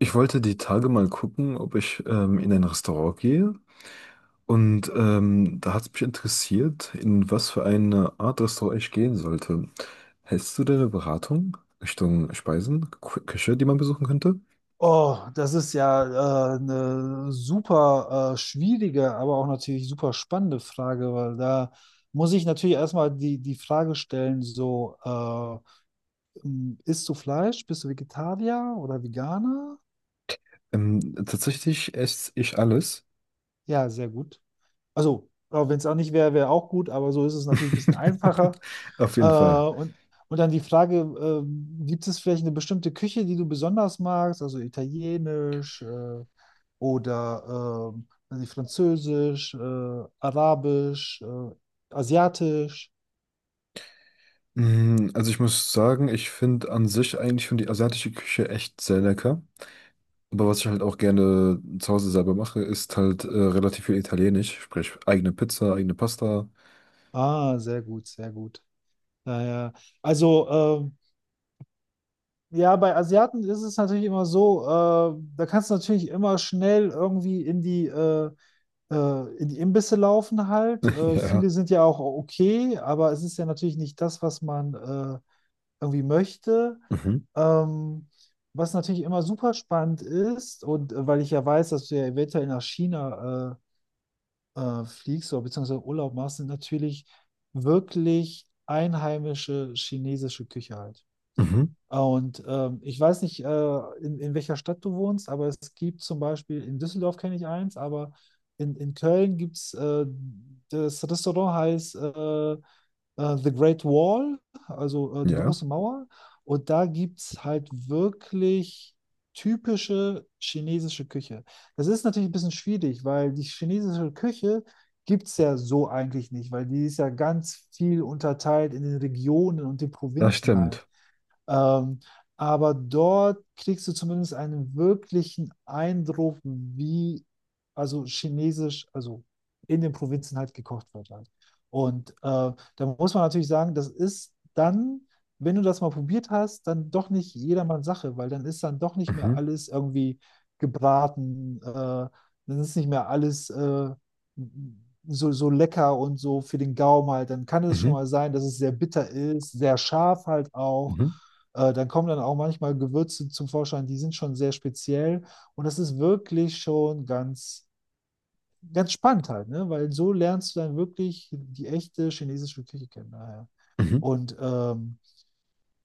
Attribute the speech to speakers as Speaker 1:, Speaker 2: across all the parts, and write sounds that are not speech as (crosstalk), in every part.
Speaker 1: Ich wollte die Tage mal gucken, ob ich in ein Restaurant gehe. Und da hat es mich interessiert, in was für eine Art Restaurant ich gehen sollte. Hältst du deine Beratung Richtung Speisen, Küche, die man besuchen könnte?
Speaker 2: Oh, das ist ja eine super schwierige, aber auch natürlich super spannende Frage, weil da muss ich natürlich erstmal die Frage stellen, so, isst du Fleisch? Bist du Vegetarier oder Veganer?
Speaker 1: Tatsächlich esse ich alles.
Speaker 2: Ja, sehr gut. Also, wenn es auch nicht wäre, wäre auch gut, aber so ist es natürlich ein bisschen
Speaker 1: (laughs)
Speaker 2: einfacher.
Speaker 1: Auf
Speaker 2: Äh,
Speaker 1: jeden Fall.
Speaker 2: und, und dann die Frage, gibt es vielleicht eine bestimmte Küche, die du besonders magst? Also italienisch oder weiß nicht, französisch, arabisch, asiatisch.
Speaker 1: Mm, also ich muss sagen, ich finde an sich eigentlich schon die asiatische Küche echt sehr lecker. Aber was ich halt auch gerne zu Hause selber mache, ist halt relativ viel Italienisch, sprich eigene Pizza, eigene Pasta.
Speaker 2: Ah, sehr gut, sehr gut. Naja, also ja, bei Asiaten ist es natürlich immer so, da kannst du natürlich immer schnell irgendwie in die Imbisse laufen halt.
Speaker 1: (laughs) Ja.
Speaker 2: Viele sind ja auch okay, aber es ist ja natürlich nicht das, was man irgendwie möchte.
Speaker 1: Mhm.
Speaker 2: Ähm, was natürlich immer super spannend ist, und weil ich ja weiß, dass du ja eventuell nach China fliegst oder beziehungsweise Urlaub machst, sind natürlich wirklich einheimische chinesische Küche halt.
Speaker 1: Mhm.
Speaker 2: Und ich weiß nicht, in welcher Stadt du wohnst, aber es gibt zum Beispiel, in Düsseldorf kenne ich eins, aber in Köln gibt es, das Restaurant heißt äh, The Great Wall, also die
Speaker 1: Ja,
Speaker 2: große Mauer. Und da gibt es halt wirklich typische chinesische Küche. Das ist natürlich ein bisschen schwierig, weil die chinesische Küche gibt es ja so eigentlich nicht, weil die ist ja ganz viel unterteilt in den Regionen und den
Speaker 1: das
Speaker 2: Provinzen halt.
Speaker 1: stimmt.
Speaker 2: Ähm, aber dort kriegst du zumindest einen wirklichen Eindruck, wie also chinesisch, also in den Provinzen halt gekocht wird halt. Und da muss man natürlich sagen, das ist dann, wenn du das mal probiert hast, dann doch nicht jedermanns Sache, weil dann ist dann doch nicht mehr
Speaker 1: Mhm.
Speaker 2: alles irgendwie gebraten, dann ist nicht mehr alles so, so lecker und so für den Gaumen halt. Dann kann es schon
Speaker 1: Mhm.
Speaker 2: mal sein, dass es sehr bitter ist, sehr scharf halt auch.
Speaker 1: Mhm.
Speaker 2: Dann kommen dann auch manchmal Gewürze zum Vorschein, die sind schon sehr speziell und das ist wirklich schon ganz, ganz spannend halt, ne? Weil so lernst du dann wirklich die echte chinesische Küche kennen. Daher.
Speaker 1: Mhm.
Speaker 2: Und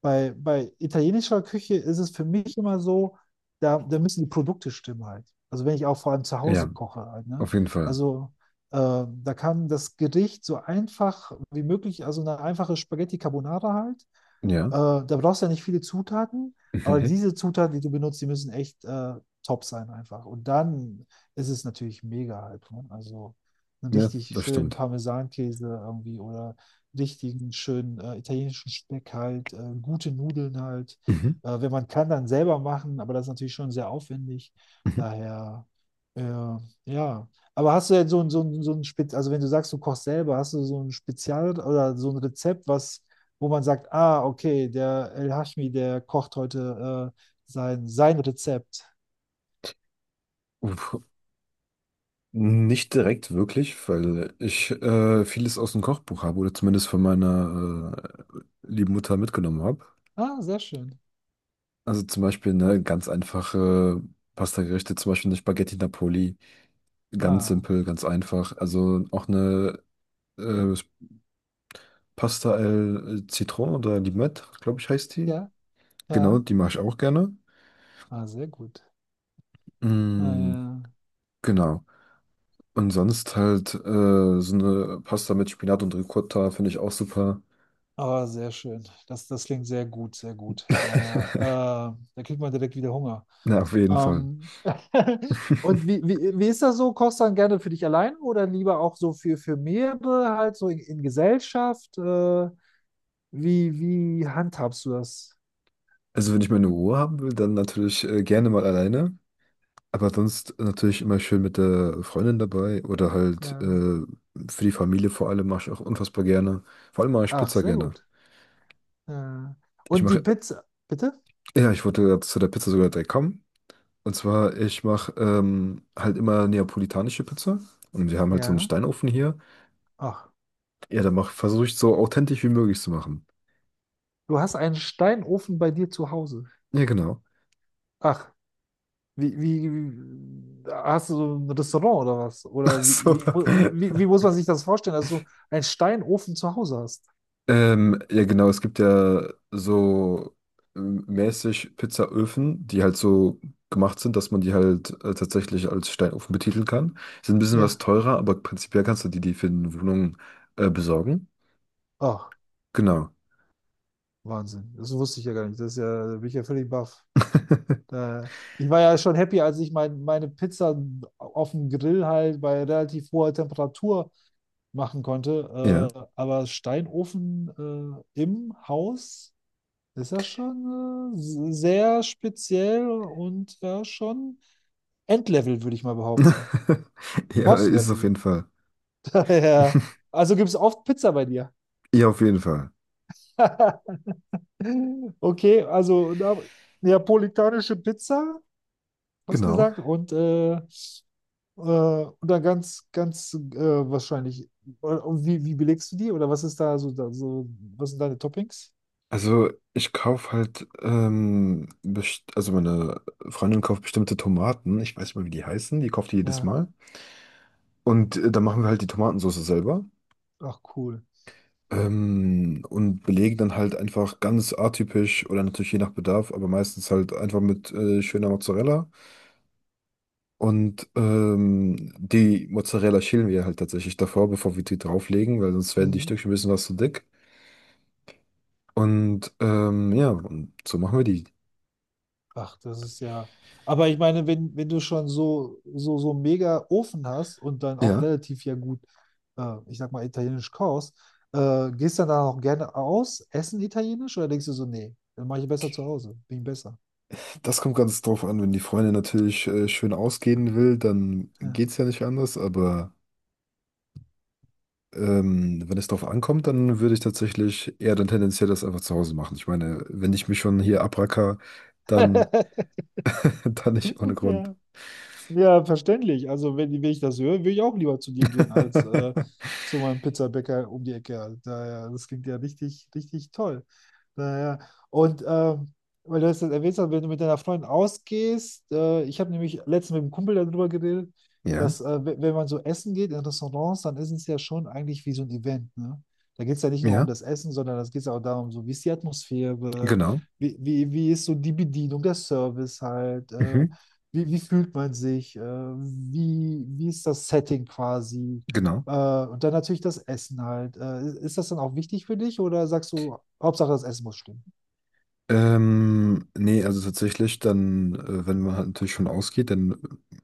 Speaker 2: bei italienischer Küche ist es für mich immer so, da müssen die Produkte stimmen halt. Also wenn ich auch vor allem zu Hause
Speaker 1: Ja,
Speaker 2: koche halt, ne?
Speaker 1: auf jeden Fall.
Speaker 2: Also da kann das Gericht so einfach wie möglich, also eine einfache Spaghetti Carbonara halt.
Speaker 1: Ja.
Speaker 2: Da brauchst du ja nicht viele Zutaten, aber
Speaker 1: (laughs)
Speaker 2: diese Zutaten, die du benutzt, die müssen echt top sein einfach. Und dann ist es natürlich mega halt. Ne? Also einen
Speaker 1: Ja,
Speaker 2: richtig
Speaker 1: das
Speaker 2: schönen
Speaker 1: stimmt.
Speaker 2: Parmesankäse irgendwie oder richtigen, schönen italienischen Speck halt, gute Nudeln halt.
Speaker 1: Mhm.
Speaker 2: Wenn man kann, dann selber machen, aber das ist natürlich schon sehr aufwendig.
Speaker 1: Mhm.
Speaker 2: Daher, äh, ja. Aber hast du denn so ein, so ein, so ein Spez also wenn du sagst, du kochst selber, hast du so ein Spezial oder so ein Rezept, was, wo man sagt, ah, okay, der El Hashmi, der kocht heute sein, sein Rezept.
Speaker 1: Uff. Nicht direkt wirklich, weil ich vieles aus dem Kochbuch habe oder zumindest von meiner äh, lieben Mutter mitgenommen habe.
Speaker 2: Ah, sehr schön.
Speaker 1: Also zum Beispiel ne, ganz einfache Pastagerichte, zum Beispiel eine Spaghetti Napoli. Ganz
Speaker 2: Ah,
Speaker 1: simpel, ganz einfach. Also auch eine äh, Pasta al Citron oder Limette, glaube ich, heißt die.
Speaker 2: ja,
Speaker 1: Genau,
Speaker 2: ja.
Speaker 1: die mache ich auch gerne.
Speaker 2: Ah, sehr gut. Ah,
Speaker 1: Mm,
Speaker 2: ja.
Speaker 1: genau. Und sonst halt so eine Pasta mit Spinat und Ricotta finde ich auch super.
Speaker 2: Ah, sehr schön. Das, das klingt sehr gut, sehr gut. Daher,
Speaker 1: (laughs)
Speaker 2: da kriegt man direkt wieder Hunger.
Speaker 1: Na, auf jeden Fall.
Speaker 2: Ähm, (laughs) und wie,
Speaker 1: (laughs)
Speaker 2: wie, wie ist das so? Kochst du dann gerne für dich allein oder lieber auch so für mehrere, halt so in Gesellschaft? Wie, wie handhabst du das?
Speaker 1: Also wenn ich meine Ruhe haben will, dann natürlich gerne mal alleine. Aber sonst natürlich immer schön mit der Freundin dabei oder halt
Speaker 2: Ja.
Speaker 1: für die Familie vor allem mache ich auch unfassbar gerne. Vor allem mache ich
Speaker 2: Ach,
Speaker 1: Pizza
Speaker 2: sehr
Speaker 1: gerne.
Speaker 2: gut. Äh,
Speaker 1: Ich
Speaker 2: und die
Speaker 1: mache,
Speaker 2: Pizza, bitte?
Speaker 1: ja, ich wollte gerade zu der Pizza sogar direkt kommen. Und zwar, ich mache halt immer neapolitanische Pizza. Und wir haben halt so einen
Speaker 2: Ja.
Speaker 1: Steinofen hier.
Speaker 2: Ach,
Speaker 1: Ja, da versuche ich so authentisch wie möglich zu machen.
Speaker 2: du hast einen Steinofen bei dir zu Hause.
Speaker 1: Ja, genau.
Speaker 2: Ach, wie, wie, hast du so ein Restaurant oder was?
Speaker 1: (laughs) Ach
Speaker 2: Oder wie,
Speaker 1: so.
Speaker 2: wie, wie, wie muss man sich das vorstellen, dass du einen Steinofen zu Hause hast?
Speaker 1: Ja, genau. Es gibt ja so mäßig Pizzaöfen, die halt so gemacht sind, dass man die halt tatsächlich als Steinofen betiteln kann. Sind ein bisschen was
Speaker 2: Ja.
Speaker 1: teurer, aber prinzipiell kannst du die, die für eine Wohnung besorgen.
Speaker 2: Ach,
Speaker 1: Genau.
Speaker 2: Wahnsinn. Das wusste ich ja gar nicht. Das ist ja, da bin ich ja völlig baff.
Speaker 1: (laughs)
Speaker 2: Da, ich war ja schon happy, als ich meine Pizza auf dem Grill halt bei relativ hoher Temperatur machen
Speaker 1: Ja.
Speaker 2: konnte. Aber Steinofen im Haus ist ja schon sehr speziell und ja schon Endlevel, würde ich mal behaupten.
Speaker 1: (laughs) Ja, ist auf
Speaker 2: Boss-Level.
Speaker 1: jeden Fall.
Speaker 2: (laughs) Ja.
Speaker 1: (laughs)
Speaker 2: Also gibt es oft Pizza bei dir.
Speaker 1: Ja, auf jeden Fall.
Speaker 2: (laughs) Okay, also na, neapolitanische Pizza, hast
Speaker 1: Genau.
Speaker 2: gesagt, und dann ganz, ganz wahrscheinlich. Und wie, wie belegst du die? Oder was ist da so, da so, was sind deine Toppings?
Speaker 1: Also ich kaufe halt, also meine Freundin kauft bestimmte Tomaten. Ich weiß nicht mal, wie die heißen. Die kauft die jedes
Speaker 2: Ja,
Speaker 1: Mal. Und dann machen wir halt die Tomatensauce selber.
Speaker 2: ach cool.
Speaker 1: Und belegen dann halt einfach ganz atypisch oder natürlich je nach Bedarf, aber meistens halt einfach mit schöner Mozzarella. Und die Mozzarella schälen wir halt tatsächlich davor, bevor wir die drauflegen, weil sonst werden die
Speaker 2: Mhm.
Speaker 1: Stückchen ein bisschen was zu dick. Und ja, und so machen wir die.
Speaker 2: Ach, das ist ja. Aber ich meine, wenn, wenn du schon so, so, so einen mega Ofen hast und dann auch
Speaker 1: Ja,
Speaker 2: relativ ja gut, ich sag mal, italienisch kochst, gehst dann da auch gerne aus, essen italienisch oder denkst du so, nee, dann mache ich besser zu Hause, bin ich besser.
Speaker 1: das kommt ganz drauf an, wenn die Freundin natürlich schön ausgehen will, dann
Speaker 2: Ja.
Speaker 1: geht's ja nicht anders, aber wenn es drauf ankommt, dann würde ich tatsächlich eher dann tendenziell das einfach zu Hause machen. Ich meine, wenn ich mich schon hier abracker, dann,
Speaker 2: (laughs)
Speaker 1: (laughs) dann nicht ohne Grund.
Speaker 2: Ja. Ja, verständlich. Also, wenn, wenn ich das höre, will ich auch lieber zu dir gehen als
Speaker 1: (laughs)
Speaker 2: zu meinem Pizzabäcker um die Ecke. Daher, das klingt ja richtig, richtig toll. Naja, und weil du das jetzt erwähnt hast, wenn du mit deiner Freundin ausgehst, ich habe nämlich letztens mit einem Kumpel darüber geredet,
Speaker 1: Ja,
Speaker 2: dass wenn man so essen geht in Restaurants, dann ist es ja schon eigentlich wie so ein Event, ne? Da geht es ja nicht nur um
Speaker 1: ja,
Speaker 2: das Essen, sondern es geht auch darum, so wie ist die Atmosphäre,
Speaker 1: genau.
Speaker 2: wie, wie, wie ist so die Bedienung, der Service halt,
Speaker 1: Mhm.
Speaker 2: wie, wie fühlt man sich, wie, wie ist das Setting quasi.
Speaker 1: Genau.
Speaker 2: Äh, und dann natürlich das Essen halt. Ist das dann auch wichtig für dich oder sagst du, Hauptsache das Essen muss stimmen?
Speaker 1: Nee, also tatsächlich, dann, wenn man halt natürlich schon ausgeht, dann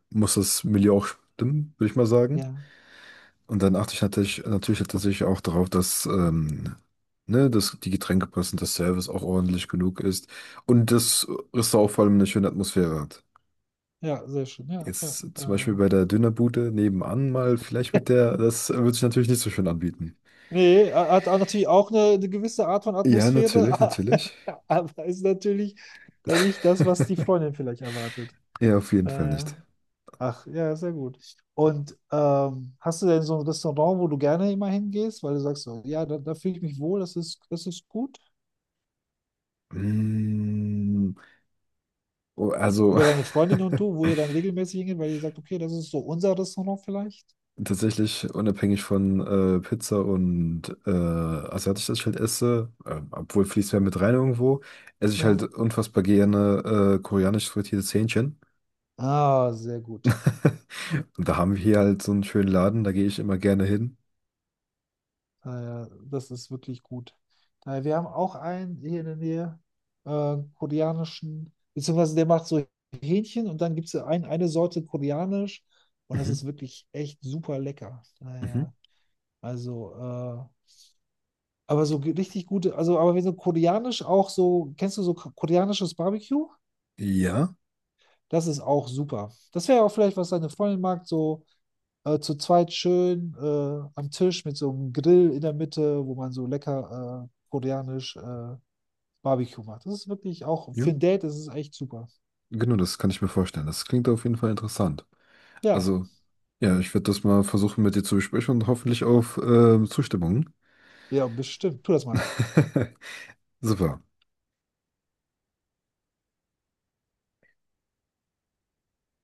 Speaker 1: muss das Milieu auch stimmen, würde ich mal sagen.
Speaker 2: Ja,
Speaker 1: Und dann achte ich natürlich, natürlich tatsächlich auch darauf, dass, ne, dass die Getränke passen, dass Service auch ordentlich genug ist und das Restaurant vor allem eine schöne Atmosphäre hat.
Speaker 2: ja, sehr schön. Ja, ja.
Speaker 1: Jetzt zum Beispiel
Speaker 2: Da.
Speaker 1: bei der Dönerbude nebenan mal, vielleicht mit der, das würde sich natürlich nicht so schön anbieten.
Speaker 2: Nee, hat auch natürlich auch eine gewisse Art von
Speaker 1: Ja, natürlich,
Speaker 2: Atmosphäre,
Speaker 1: natürlich.
Speaker 2: (laughs) aber ist natürlich dann nicht das, was die
Speaker 1: (laughs)
Speaker 2: Freundin vielleicht erwartet.
Speaker 1: Ja, auf jeden Fall
Speaker 2: Naja.
Speaker 1: nicht.
Speaker 2: Ach, ja, sehr gut. Und hast du denn so ein Restaurant, wo du gerne immer hingehst, weil du sagst so, ja, da fühle ich mich wohl, das ist gut?
Speaker 1: Mm, oh, also,
Speaker 2: Oder deine Freundin und
Speaker 1: (laughs)
Speaker 2: du, wo ihr dann regelmäßig hingeht, weil ihr sagt, okay, das ist so unser Restaurant vielleicht.
Speaker 1: tatsächlich unabhängig von Pizza und asiatisches ich halt esse, obwohl fließt mehr mit rein irgendwo, esse ich halt
Speaker 2: Ja.
Speaker 1: unfassbar gerne koreanisch frittiertes Hähnchen.
Speaker 2: Ah, sehr gut.
Speaker 1: (laughs) Und da haben wir hier halt so einen schönen Laden, da gehe ich immer gerne hin.
Speaker 2: Naja, das ist wirklich gut. Daher, wir haben auch einen hier in der Nähe, koreanischen, beziehungsweise der macht so Hähnchen und dann gibt es eine Sorte koreanisch und das
Speaker 1: Mhm.
Speaker 2: ist wirklich echt super lecker.
Speaker 1: Mhm.
Speaker 2: Naja, also, aber so richtig gute, also, aber wir sind koreanisch auch so, kennst du so koreanisches Barbecue?
Speaker 1: Ja,
Speaker 2: Das ist auch super. Das wäre auch vielleicht, was deine Freundin mag, so zu zweit schön am Tisch mit so einem Grill in der Mitte, wo man so lecker koreanisch Barbecue macht. Das ist wirklich auch
Speaker 1: ja,
Speaker 2: für ein Date, das ist echt super.
Speaker 1: genau, das kann ich mir vorstellen. Das klingt auf jeden Fall interessant.
Speaker 2: Ja,
Speaker 1: Also, ja, ich werde das mal versuchen mit dir zu besprechen und hoffentlich auf Zustimmung.
Speaker 2: ja, bestimmt. Tu das mal.
Speaker 1: (laughs) Super.